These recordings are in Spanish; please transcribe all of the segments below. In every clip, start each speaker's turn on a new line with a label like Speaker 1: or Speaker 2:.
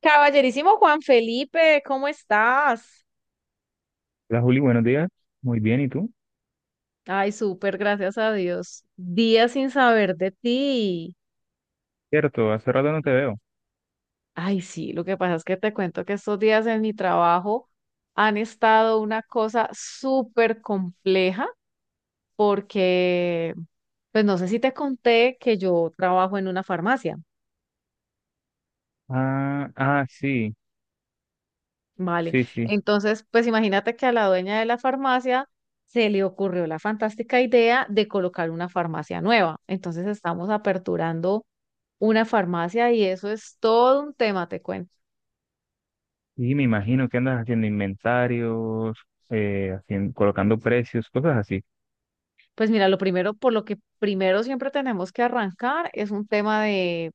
Speaker 1: Caballerísimo Juan Felipe, ¿cómo estás?
Speaker 2: Hola Juli, buenos días. Muy bien, ¿y tú?
Speaker 1: Ay, súper, gracias a Dios. Días sin saber de ti.
Speaker 2: Cierto, hace rato no te veo.
Speaker 1: Ay, sí, lo que pasa es que te cuento que estos días en mi trabajo han estado una cosa súper compleja porque, pues no sé si te conté que yo trabajo en una farmacia,
Speaker 2: Ah, ah, sí,
Speaker 1: ¿vale?
Speaker 2: sí, sí.
Speaker 1: Entonces, pues imagínate que a la dueña de la farmacia se le ocurrió la fantástica idea de colocar una farmacia nueva. Entonces estamos aperturando una farmacia y eso es todo un tema, te cuento.
Speaker 2: Y me imagino que andas haciendo inventarios, haciendo, colocando precios, cosas así.
Speaker 1: Pues mira, lo primero, por lo que primero siempre tenemos que arrancar es un tema de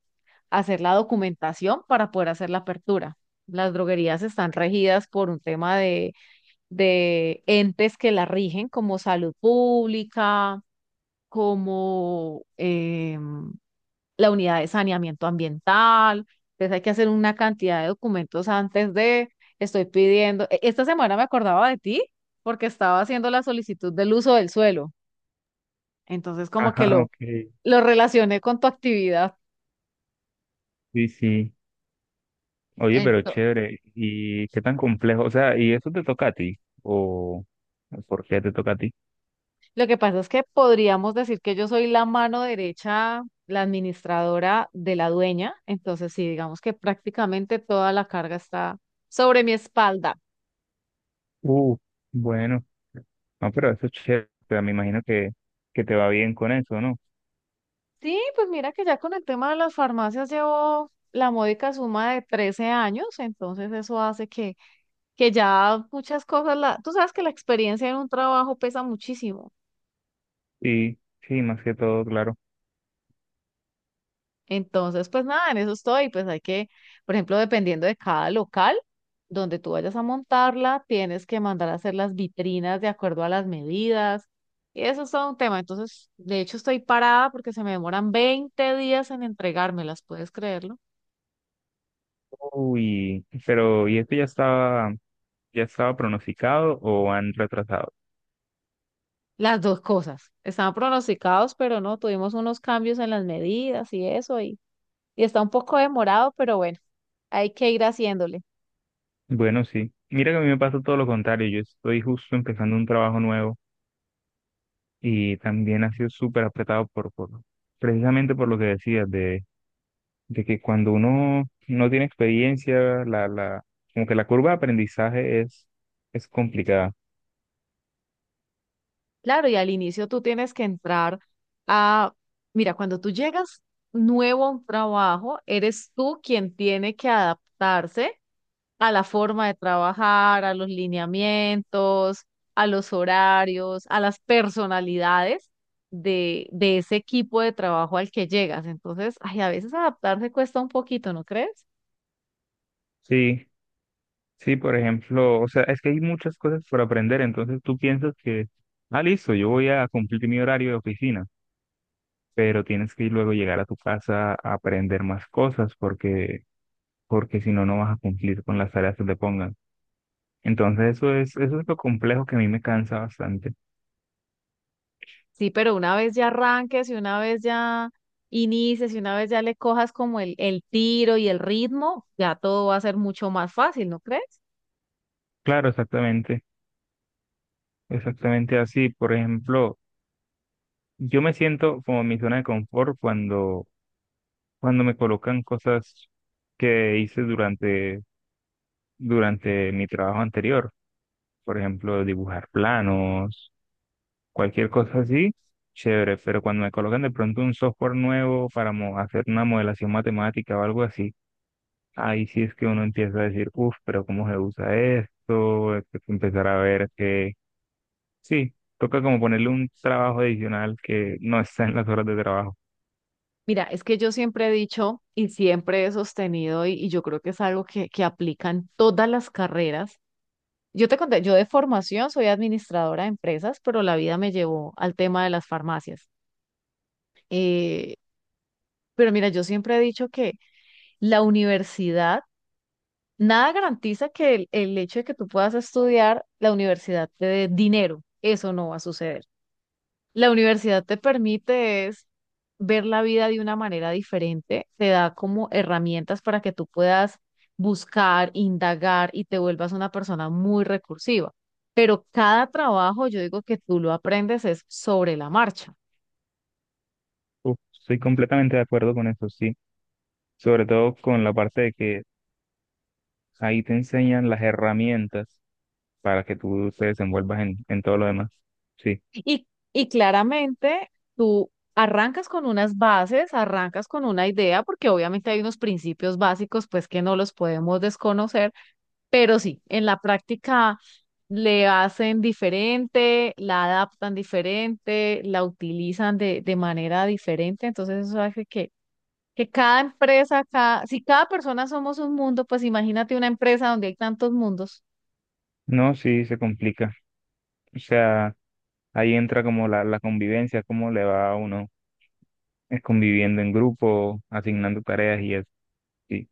Speaker 1: hacer la documentación para poder hacer la apertura. Las droguerías están regidas por un tema de entes que la rigen como salud pública, como la unidad de saneamiento ambiental, entonces hay que hacer una cantidad de documentos antes de, estoy pidiendo, esta semana me acordaba de ti porque estaba haciendo la solicitud del uso del suelo, entonces como que
Speaker 2: Ajá, ok.
Speaker 1: lo relacioné con tu actividad.
Speaker 2: Sí, sí. Oye, pero
Speaker 1: Ento-
Speaker 2: chévere. ¿Y qué tan complejo? O sea, ¿y eso te toca a ti? ¿O por qué te toca a ti?
Speaker 1: lo que pasa es que podríamos decir que yo soy la mano derecha, la administradora de la dueña, entonces sí, digamos que prácticamente toda la carga está sobre mi espalda.
Speaker 2: Uh, bueno. No, pero eso es chévere. O sea, me imagino que te va bien con eso, ¿no?
Speaker 1: Sí, pues mira que ya con el tema de las farmacias llevo la módica suma de 13 años, entonces eso hace que ya muchas cosas, la, tú sabes que la experiencia en un trabajo pesa muchísimo,
Speaker 2: Sí, sí, más que todo, claro.
Speaker 1: entonces pues nada, en eso estoy, pues hay que, por ejemplo, dependiendo de cada local donde tú vayas a montarla, tienes que mandar a hacer las vitrinas de acuerdo a las medidas, y eso es todo un tema, entonces de hecho estoy parada porque se me demoran 20 días en entregármelas, ¿puedes creerlo?
Speaker 2: Uy, pero ¿y esto ya estaba pronosticado o han retrasado?
Speaker 1: Las dos cosas. Estaban pronosticados, pero no, tuvimos unos cambios en las medidas y eso, y está un poco demorado, pero bueno, hay que ir haciéndole.
Speaker 2: Bueno, sí. Mira que a mí me pasa todo lo contrario. Yo estoy justo empezando un trabajo nuevo y también ha sido súper apretado por precisamente por lo que decías, de que cuando uno no tiene experiencia, la como que la curva de aprendizaje es complicada.
Speaker 1: Claro, y al inicio tú tienes que entrar a, mira, cuando tú llegas nuevo a un trabajo, eres tú quien tiene que adaptarse a la forma de trabajar, a los lineamientos, a los horarios, a las personalidades de ese equipo de trabajo al que llegas. Entonces, ay, a veces adaptarse cuesta un poquito, ¿no crees?
Speaker 2: Sí, sí, por ejemplo, o sea, es que hay muchas cosas por aprender, entonces tú piensas que, ah, listo, yo voy a cumplir mi horario de oficina pero tienes que luego llegar a tu casa a aprender más cosas porque, porque si no, no vas a cumplir con las tareas que te pongan. Entonces, eso es lo complejo que a mí me cansa bastante.
Speaker 1: Sí, pero una vez ya arranques y una vez ya inicies y una vez ya le cojas como el tiro y el ritmo, ya todo va a ser mucho más fácil, ¿no crees?
Speaker 2: Claro, exactamente, exactamente así. Por ejemplo, yo me siento como en mi zona de confort cuando, cuando me colocan cosas que hice durante, durante mi trabajo anterior. Por ejemplo, dibujar planos, cualquier cosa así, chévere, pero cuando me colocan de pronto un software nuevo para hacer una modelación matemática o algo así, ahí sí es que uno empieza a decir, uff, pero ¿cómo se usa esto? Hay que empezar a ver que sí, toca como ponerle un trabajo adicional que no está en las horas de trabajo.
Speaker 1: Mira, es que yo siempre he dicho y siempre he sostenido, y yo creo que es algo que aplica en todas las carreras. Yo te conté, yo de formación soy administradora de empresas, pero la vida me llevó al tema de las farmacias. Eh, pero mira, yo siempre he dicho que la universidad, nada garantiza que el hecho de que tú puedas estudiar la universidad te dé dinero. Eso no va a suceder. La universidad te permite es ver la vida de una manera diferente, te da como herramientas para que tú puedas buscar, indagar y te vuelvas una persona muy recursiva. Pero cada trabajo, yo digo que tú lo aprendes es sobre la marcha.
Speaker 2: Uf, estoy completamente de acuerdo con eso, sí, sobre todo con la parte de que ahí te enseñan las herramientas para que tú te desenvuelvas en todo lo demás. Sí,
Speaker 1: Y, y claramente tú arrancas con unas bases, arrancas con una idea, porque obviamente hay unos principios básicos pues que no los podemos desconocer. Pero sí, en la práctica le hacen diferente, la adaptan diferente, la utilizan de manera diferente. Entonces eso hace que cada empresa, cada, si cada persona somos un mundo, pues imagínate una empresa donde hay tantos mundos.
Speaker 2: no, sí, se complica. O sea, ahí entra como la convivencia, cómo le va a uno conviviendo en grupo, asignando tareas y eso. Sí.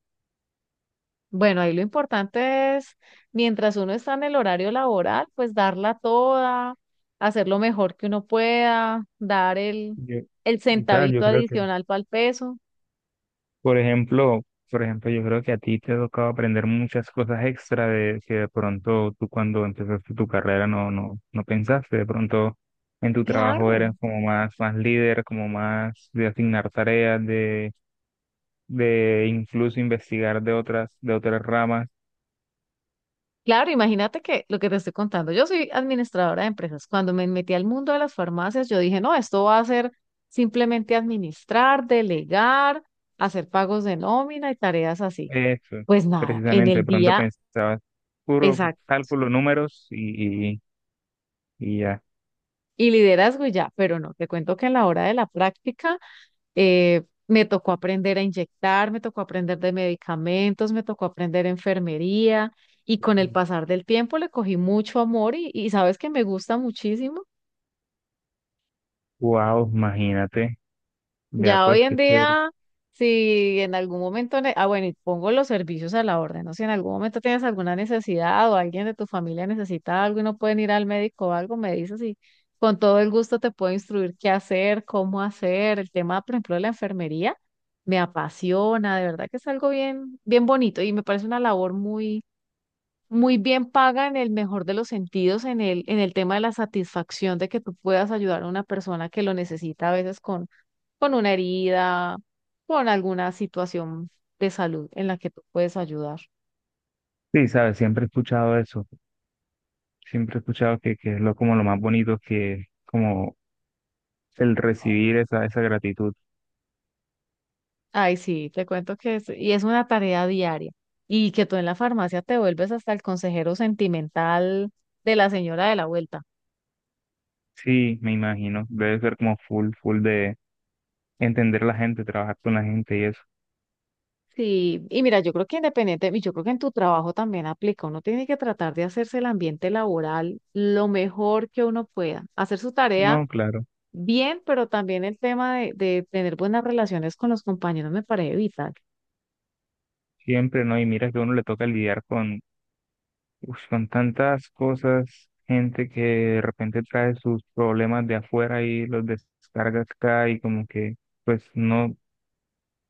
Speaker 1: Bueno, ahí lo importante es, mientras uno está en el horario laboral, pues darla toda, hacer lo mejor que uno pueda, dar
Speaker 2: Yo-
Speaker 1: el
Speaker 2: y tal, yo
Speaker 1: centavito
Speaker 2: creo que,
Speaker 1: adicional para el peso.
Speaker 2: por ejemplo, por ejemplo, yo creo que a ti te ha tocado aprender muchas cosas extra de que de pronto tú cuando empezaste tu carrera no pensaste, de pronto en tu trabajo
Speaker 1: Claro.
Speaker 2: eres como más, más líder, como más de asignar tareas, de incluso investigar de otras ramas.
Speaker 1: Claro, imagínate que lo que te estoy contando, yo soy administradora de empresas. Cuando me metí al mundo de las farmacias, yo dije, no, esto va a ser simplemente administrar, delegar, hacer pagos de nómina y tareas así.
Speaker 2: Eso,
Speaker 1: Pues nada, en
Speaker 2: precisamente, de
Speaker 1: el
Speaker 2: pronto
Speaker 1: día
Speaker 2: pensaba, puro
Speaker 1: exacto.
Speaker 2: cálculo, números y ya.
Speaker 1: Y liderazgo y ya, pero no, te cuento que a la hora de la práctica me tocó aprender a inyectar, me tocó aprender de medicamentos, me tocó aprender enfermería y con el pasar del tiempo le cogí mucho amor y sabes que me gusta muchísimo.
Speaker 2: Wow, imagínate, vea
Speaker 1: Ya hoy
Speaker 2: pues
Speaker 1: en
Speaker 2: qué chévere.
Speaker 1: día, si en algún momento, ah, bueno, y pongo los servicios a la orden, ¿no? Si en algún momento tienes alguna necesidad o alguien de tu familia necesita algo y no pueden ir al médico o algo, me dices y con todo el gusto te puedo instruir qué hacer, cómo hacer. El tema, por ejemplo, de la enfermería me apasiona, de verdad que es algo bien, bien bonito y me parece una labor muy, muy bien paga en el mejor de los sentidos, en en el tema de la satisfacción de que tú puedas ayudar a una persona que lo necesita a veces con una herida, con alguna situación de salud en la que tú puedes ayudar.
Speaker 2: Sí, sabes, siempre he escuchado eso, siempre he escuchado que es lo, como lo más bonito que como el recibir esa, esa gratitud.
Speaker 1: Ay, sí, te cuento que es, y es una tarea diaria. Y que tú en la farmacia te vuelves hasta el consejero sentimental de la señora de la vuelta.
Speaker 2: Sí, me imagino, debe ser como full, full de entender la gente, trabajar con la gente y eso.
Speaker 1: Sí, y mira, yo creo que independiente, y yo creo que en tu trabajo también aplica, uno tiene que tratar de hacerse el ambiente laboral lo mejor que uno pueda, hacer su tarea
Speaker 2: No, claro,
Speaker 1: bien, pero también el tema de tener buenas relaciones con los compañeros me parece vital.
Speaker 2: siempre, ¿no? Y mira que a uno le toca lidiar con, uf, con tantas cosas, gente que de repente trae sus problemas de afuera y los descarga acá y como que, pues no,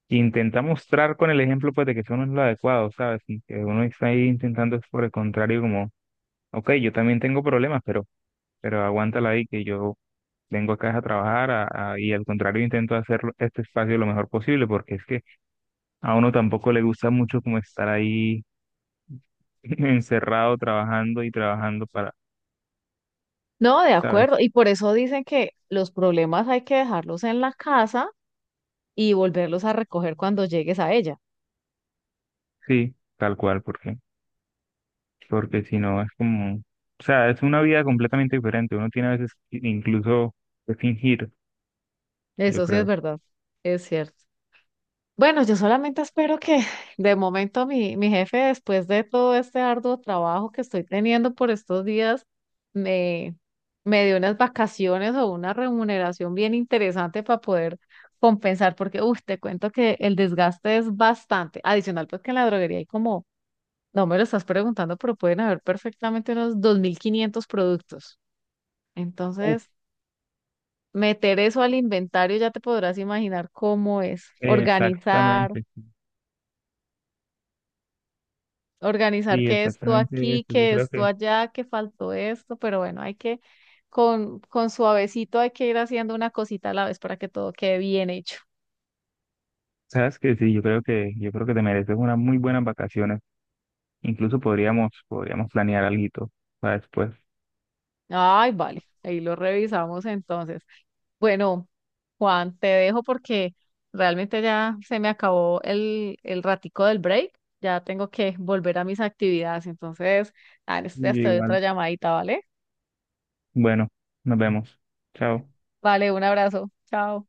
Speaker 2: intenta mostrar con el ejemplo pues de que eso no es lo adecuado, ¿sabes? Y que uno está ahí intentando es por el contrario como, ok, yo también tengo problemas, pero aguántala ahí que yo vengo acá es a trabajar y al contrario intento hacer este espacio lo mejor posible porque es que a uno tampoco le gusta mucho como estar ahí encerrado trabajando y trabajando para,
Speaker 1: No, de
Speaker 2: ¿sabes?
Speaker 1: acuerdo. Y por eso dicen que los problemas hay que dejarlos en la casa y volverlos a recoger cuando llegues a ella.
Speaker 2: Sí, tal cual, porque, porque si no es como, o sea, es una vida completamente diferente. Uno tiene a veces incluso que fingir, yo
Speaker 1: Eso sí es
Speaker 2: creo.
Speaker 1: verdad, es cierto. Bueno, yo solamente espero que de momento mi jefe, después de todo este arduo trabajo que estoy teniendo por estos días, me, me dé unas vacaciones o una remuneración bien interesante para poder compensar, porque, uff, te cuento que el desgaste es bastante. Adicional, pues que en la droguería hay como No me lo estás preguntando, pero pueden haber perfectamente unos 2500 productos.
Speaker 2: Uf,
Speaker 1: Entonces, meter eso al inventario ya te podrás imaginar cómo es. Organizar,
Speaker 2: exactamente,
Speaker 1: organizar
Speaker 2: sí,
Speaker 1: que esto
Speaker 2: exactamente
Speaker 1: aquí,
Speaker 2: eso. Yo
Speaker 1: que
Speaker 2: creo
Speaker 1: esto
Speaker 2: que,
Speaker 1: allá, que faltó esto, pero bueno, hay que, con suavecito hay que ir haciendo una cosita a la vez para que todo quede bien hecho.
Speaker 2: sabes que sí, yo creo que te mereces unas muy buenas vacaciones. Incluso podríamos, podríamos planear algo para después.
Speaker 1: Ay, vale, ahí lo revisamos entonces. Bueno, Juan, te dejo porque realmente ya se me acabó el ratico del break. Ya tengo que volver a mis actividades. Entonces, ah, en estos
Speaker 2: Y
Speaker 1: días
Speaker 2: yo
Speaker 1: te doy otra
Speaker 2: igual,
Speaker 1: llamadita, ¿vale?
Speaker 2: bueno, nos vemos. Chao.
Speaker 1: Vale, un abrazo. Chao.